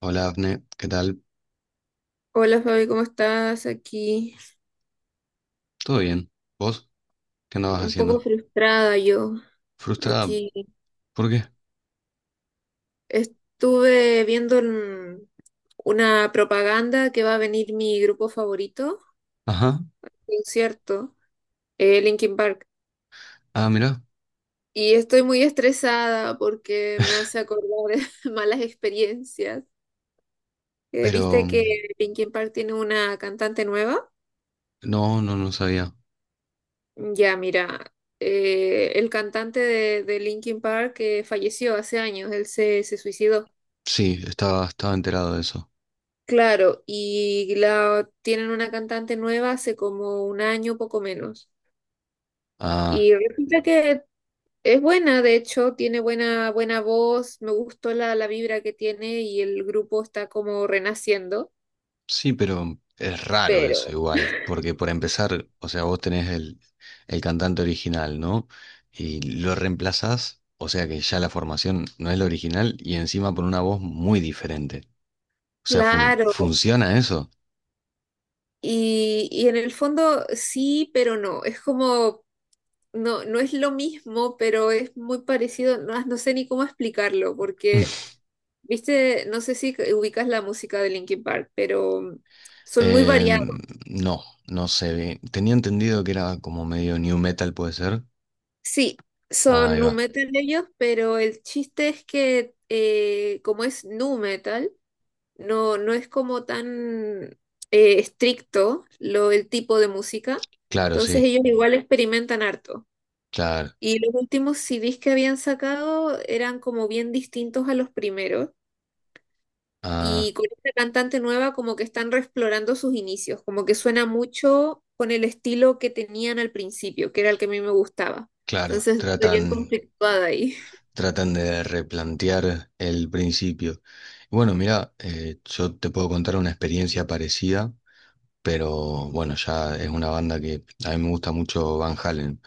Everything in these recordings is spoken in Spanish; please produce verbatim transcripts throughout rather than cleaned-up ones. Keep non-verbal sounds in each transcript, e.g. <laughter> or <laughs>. Hola, Abne, ¿qué tal? Hola Fabi, ¿cómo estás? Aquí ¿Todo bien? ¿Vos? ¿Qué andabas un poco haciendo? frustrada yo. Frustrada. Aquí ¿Por qué? estuve viendo en una propaganda que va a venir mi grupo favorito, Ajá. concierto, eh, Linkin Park. Ah, mira. Y estoy muy estresada porque me hace acordar <laughs> malas experiencias. Eh, Pero ¿viste que mm, Linkin Park tiene una cantante nueva? no, no, no sabía. Ya, mira, eh, el cantante de, de Linkin Park que falleció hace años, él se, se suicidó. Sí, estaba, estaba enterado de eso. Claro, y la, tienen una cantante nueva hace como un año, poco menos. Ah, Y resulta que es buena, de hecho, tiene buena, buena voz, me gustó la, la vibra que tiene y el grupo está como renaciendo, sí, pero es raro eso pero igual, porque por empezar, o sea, vos tenés el, el cantante original, ¿no? Y lo reemplazás, o sea que ya la formación no es la original y encima por una voz muy diferente. O sea, fun- claro, ¿funciona eso? y, y en el fondo sí, pero no, es como, no, no es lo mismo, pero es muy parecido, no, no sé ni cómo explicarlo, porque, <laughs> viste, no sé si ubicas la música de Linkin Park, pero son muy Eh, variadas. no, no sé bien. Tenía entendido que era como medio new metal, puede ser. Sí, Ah, son ahí nu va. metal ellos, pero el chiste es que eh, como es nu metal, no, no es como tan eh, estricto lo, el tipo de música, Claro, entonces sí, ellos igual experimentan harto. claro. Y los últimos C Ds que habían sacado eran como bien distintos a los primeros. Ah, Y con esta cantante nueva como que están reexplorando sus inicios, como que suena mucho con el estilo que tenían al principio, que era el que a mí me gustaba. claro, Entonces estoy bien tratan, conflictuada ahí. tratan de replantear el principio. Bueno, mira, eh, yo te puedo contar una experiencia parecida, pero bueno, ya es una banda que a mí me gusta mucho Van Halen.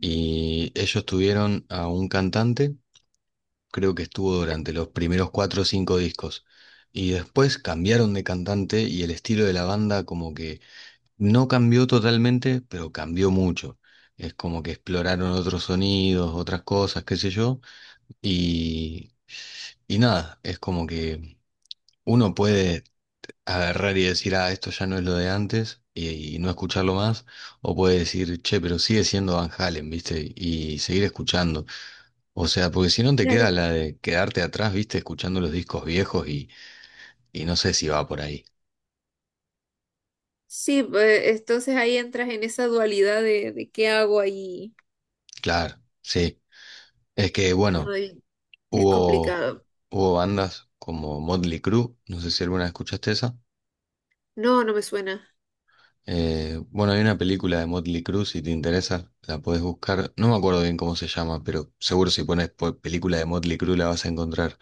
Y ellos tuvieron a un cantante creo que estuvo durante los primeros cuatro o cinco discos. Y después cambiaron de cantante y el estilo de la banda como que no cambió totalmente, pero cambió mucho. Es como que exploraron otros sonidos, otras cosas, qué sé yo. Y, y nada, es como que uno puede agarrar y decir, ah, esto ya no es lo de antes y, y no escucharlo más. O puede decir, che, pero sigue siendo Van Halen, ¿viste? Y seguir escuchando. O sea, porque si no te queda Claro. la de quedarte atrás, viste, escuchando los discos viejos y, y no sé si va por ahí. Sí, pues, entonces ahí entras en esa dualidad de, de qué hago ahí. Claro, sí. Es que, bueno, Ay, es hubo, complicado. hubo bandas como Motley Crue, no sé si alguna vez escuchaste esa. No, no me suena. Eh, bueno, hay una película de Motley Crue, si te interesa, la podés buscar. No me acuerdo bien cómo se llama, pero seguro si pones po- película de Motley Crue la vas a encontrar.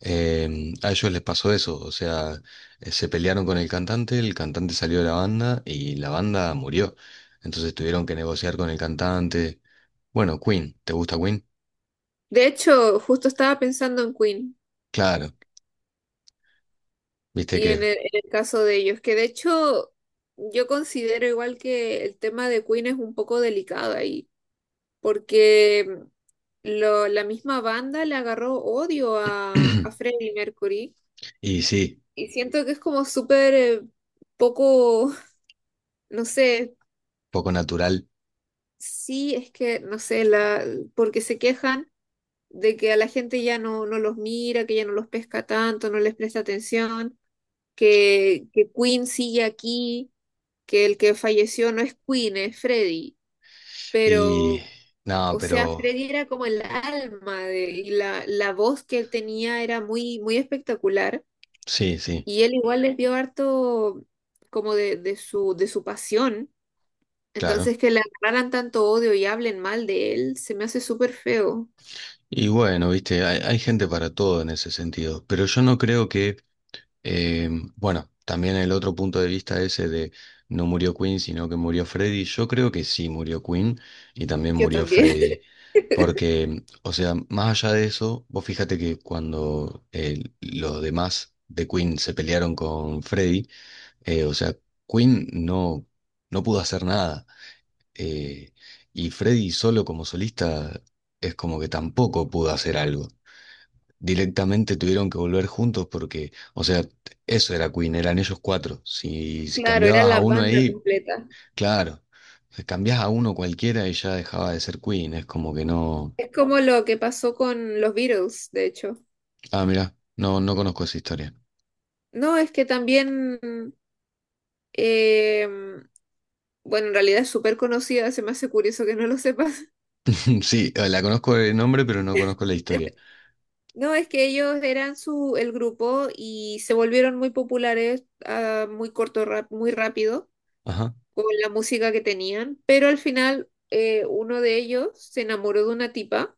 Eh, a ellos les pasó eso, o sea, eh, se pelearon con el cantante, el cantante salió de la banda y la banda murió. Entonces tuvieron que negociar con el cantante. Bueno, Queen, ¿te gusta Queen? De hecho, justo estaba pensando en Queen Claro, viste y que... en el, en el caso de ellos, que de hecho yo considero igual que el tema de Queen es un poco delicado ahí, porque lo- la misma banda le agarró odio a, a <clears throat> Freddie Mercury y sí, y siento que es como súper eh, poco, <laughs> no sé. poco natural. Sí, es que, no sé, la, porque se quejan de que a la gente ya no, no los mira, que ya no los pesca tanto, no les presta atención, que, que Queen sigue aquí, que el que falleció no es Queen, es Freddy. Y... Pero, No, o sea, pero Freddy era como el alma de, y la, la voz que él tenía era muy, muy espectacular. sí, sí, Y él igual les dio harto como de, de su, de su pasión. claro. Entonces, que le agarraran tanto odio y hablen mal de él, se me hace súper feo. Y bueno, viste, hay, hay gente para todo en ese sentido, pero yo no creo que Eh, bueno, también el otro punto de vista ese de no murió Queen, sino que murió Freddy. Yo creo que sí murió Queen y también Yo murió también. Freddy. <laughs> Porque, o sea, más allá de eso, vos fíjate que cuando eh, los demás de Queen se pelearon con Freddy, eh, o sea, Queen no, no pudo hacer nada. Eh, y Freddy solo como solista es como que tampoco pudo hacer algo. Directamente tuvieron que volver juntos porque, o sea, eso era Queen, eran ellos cuatro. Si, si Claro, era cambiabas a la uno banda ahí, completa. claro, si cambiás a uno cualquiera y ya dejaba de ser Queen, es como que no... Es como lo que pasó con los Beatles, de hecho. Ah, mira, no, no conozco esa historia. No, es que también, eh, bueno, en realidad es súper conocida, se me hace curioso que no lo sepas. <laughs> <laughs> Sí, eh, la conozco de nombre, pero no conozco la historia. No, es que ellos eran su, el grupo y se volvieron muy populares a muy corto, rap, muy rápido Ajá, con la música que tenían, pero al final eh, uno de ellos se enamoró de una tipa.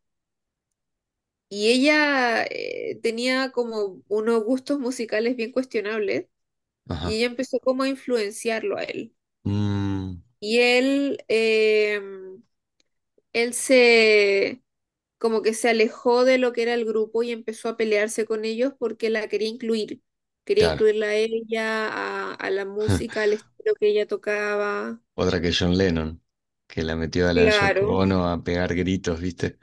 Y ella eh, tenía como unos gustos musicales bien cuestionables y ajá. ella empezó como a influenciarlo a él. Mm, Y él, eh, él se, como que se alejó de lo que era el grupo y empezó a pelearse con ellos porque la quería incluir. Quería claro. incluirla a ella, a, a la música, al <laughs> estilo que ella tocaba. Otra que John Lennon, que la metió a la Yoko Claro, Ono a pegar gritos, ¿viste?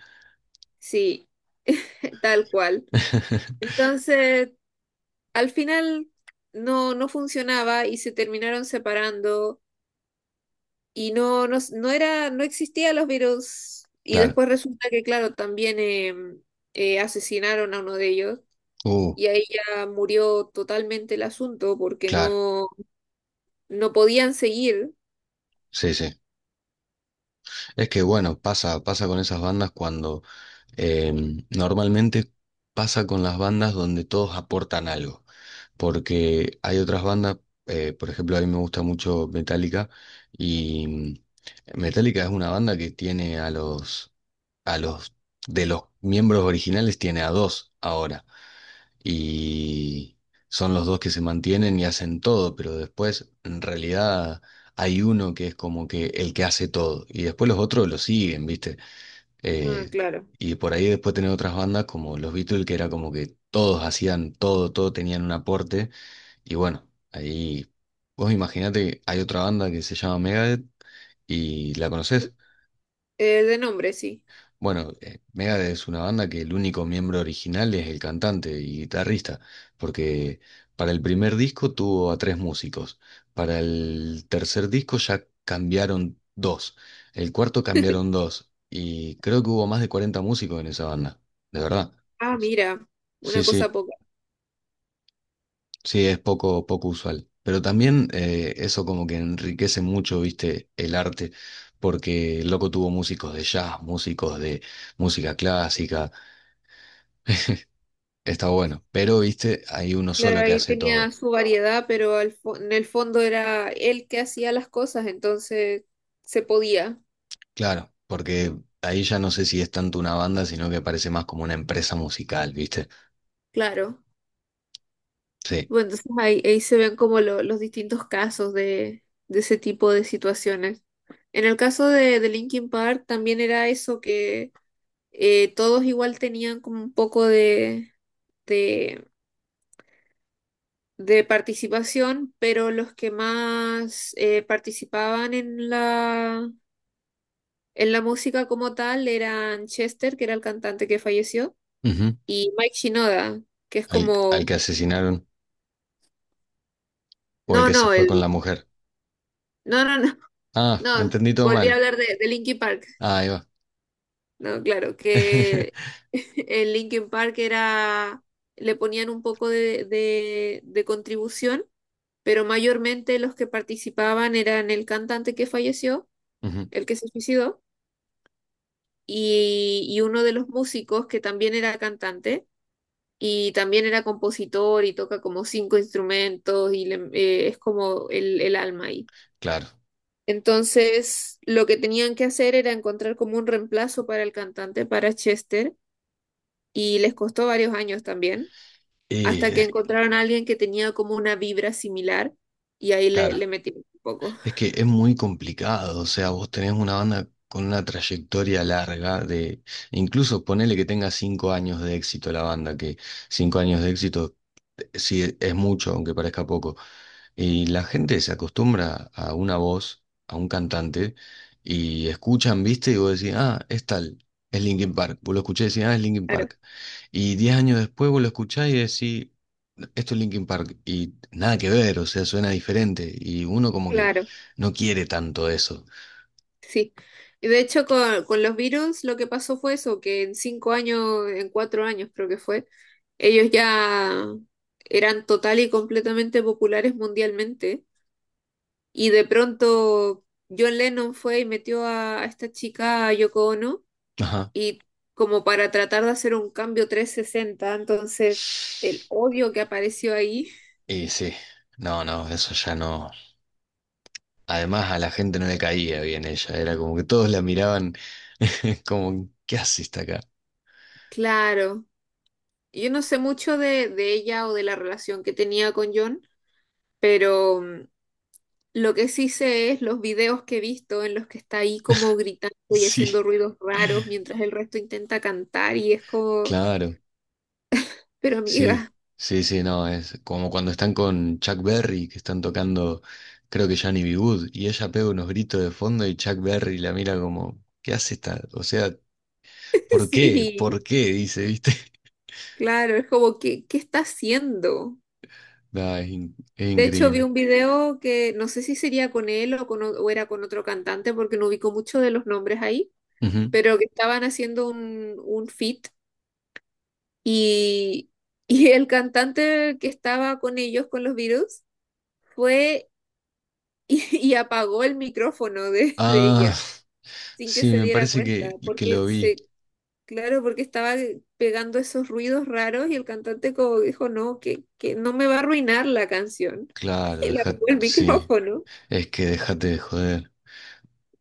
sí, <laughs> tal cual. <laughs> Entonces al final no, no funcionaba y se terminaron separando y no, no, no era, no existía los virus. Y Claro. después resulta que, claro, también eh, eh, asesinaron a uno de ellos Uh, y ahí ya murió totalmente el asunto porque claro. no, no podían seguir. Sí, sí. Es que bueno, pasa, pasa con esas bandas cuando em, normalmente pasa con las bandas donde todos aportan algo, porque hay otras bandas, eh, por ejemplo, a mí me gusta mucho Metallica y mm, Metallica es una banda que tiene a los, a los, de los miembros originales tiene a dos ahora y son los dos que se mantienen y hacen todo, pero después en realidad hay uno que es como que el que hace todo y después los otros lo siguen, ¿viste? Ah, Eh, claro. y por ahí después tener otras bandas como los Beatles, que era como que todos hacían todo, todo tenían un aporte. Y bueno, ahí vos imaginate, hay otra banda que se llama Megadeth y la conocés. Eh, de nombre, sí. Bueno, eh, Megadeth es una banda que el único miembro original es el cantante y guitarrista, porque para el primer disco tuvo a tres músicos, para el tercer disco ya cambiaron dos, el cuarto cambiaron dos, y creo que hubo más de cuarenta músicos en esa banda, de verdad. Ah, mira, Sí, una cosa sí, poca. sí, es poco, poco usual. Pero también eh, eso como que enriquece mucho, viste, el arte, porque el loco tuvo músicos de jazz, músicos de música clásica. Está bueno, pero viste, hay uno Claro, solo que ahí hace tenía todo. su variedad, pero al fo- en el fondo era él que hacía las cosas, entonces se podía. Claro, porque ahí ya no sé si es tanto una banda, sino que parece más como una empresa musical, ¿viste? Claro. Sí. Bueno, entonces ahí, ahí se ven como lo- los distintos casos de, de ese tipo de situaciones. En el caso de, de Linkin Park también era eso que eh, todos igual tenían como un poco de, de, de participación, pero los que más eh, participaban en la, en la música como tal eran Chester, que era el cantante que falleció, Ujú. y Mike Shinoda, que es Al, al como. que asesinaron o el No, que se no, fue con la el. mujer. No, no, no, <laughs> Ah, no, entendí todo volví mal. a hablar de, de Linkin Park. Ah, ahí va. No, claro, que <laughs> <laughs> en Linkin Park era, le ponían un poco de, de, de contribución, pero mayormente los que participaban eran el cantante que falleció, Ujú, el que se suicidó, y, y uno de los músicos que también era cantante y también era compositor y toca como cinco instrumentos y le- eh, es como el, el alma ahí. claro. Entonces, lo que tenían que hacer era encontrar como un reemplazo para el cantante, para Chester y les costó varios años también, Y hasta que es- encontraron a alguien que tenía como una vibra similar y ahí le, claro. le metimos un poco. Es que es muy complicado, o sea, vos tenés una banda con una trayectoria larga de, incluso ponele que tenga cinco años de éxito la banda, que cinco años de éxito eh, sí es mucho, aunque parezca poco. Y la gente se acostumbra a una voz, a un cantante, y escuchan, viste, y vos decís, ah, es tal, es Linkin Park. Vos lo escuchás y decís, ah, es Linkin Claro, Park. Y diez años después vos lo escuchás y decís, esto es Linkin Park, y nada que ver, o sea, suena diferente, y uno como que claro, no quiere tanto eso. sí. Y de hecho con, con los virus lo que pasó fue eso, que en cinco años, en cuatro años creo que fue, ellos ya eran total y completamente populares mundialmente y de pronto John Lennon fue y metió a, a esta chica, a Yoko Ono, Ajá. y como para tratar de hacer un cambio trescientos sesenta entonces el odio que apareció ahí, Y sí, no, no, eso ya no. Además a la gente no le caía bien ella, era como que todos la miraban <laughs> como, ¿qué haces acá? claro, yo no sé mucho de, de ella o de la relación que tenía con John, pero mm, lo que sí sé es los videos que he visto en los que está ahí como gritando y Sí, haciendo ruidos raros mientras el resto intenta cantar y es como, claro. pero Sí, amiga, sí, sí, no, es como cuando están con Chuck Berry, que están tocando, creo que Johnny B. Good, y ella pega unos gritos de fondo y Chuck Berry la mira como, ¿qué hace esta? O sea, <laughs> ¿por qué? sí, ¿Por qué? Dice, ¿viste? <laughs> claro, es como, ¿qué, qué está haciendo? No, es, in- es De hecho, vi increíble. un video que no sé si sería con él o, con o- o era con otro cantante, porque no ubico mucho de los nombres ahí, Ujú. pero que estaban haciendo un, un feat y, <laughs> y el cantante que estaba con ellos, con los Beatles, fue <laughs> y, y apagó el micrófono de, de Ah, ella sin que sí, se me diera parece cuenta, que, que porque lo vi. se, claro, porque estaba pegando esos ruidos raros y el cantante como dijo, no, que, que no me va a arruinar la canción. <laughs> Claro, Y le deja, apagó el sí, micrófono. es que déjate de joder.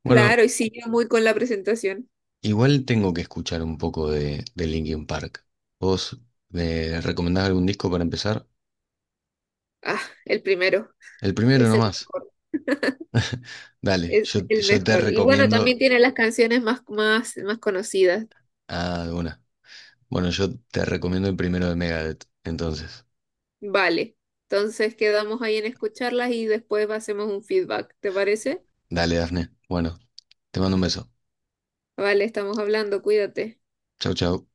Bueno, Claro, y sigue muy con la presentación. igual tengo que escuchar un poco de, de Linkin Park. ¿Vos me recomendás algún disco para empezar? Ah, el primero, El primero es el nomás. mejor, Dale, es yo, el yo te mejor. Y bueno, también recomiendo. tiene las canciones más, más, más conocidas. Ah, una. Bueno, yo te recomiendo el primero de Megadeth. Entonces, Vale, entonces quedamos ahí en escucharlas y después hacemos un feedback, ¿te parece? dale, Dafne. Bueno, te mando un beso. Vale, estamos hablando, cuídate. Chau, chau.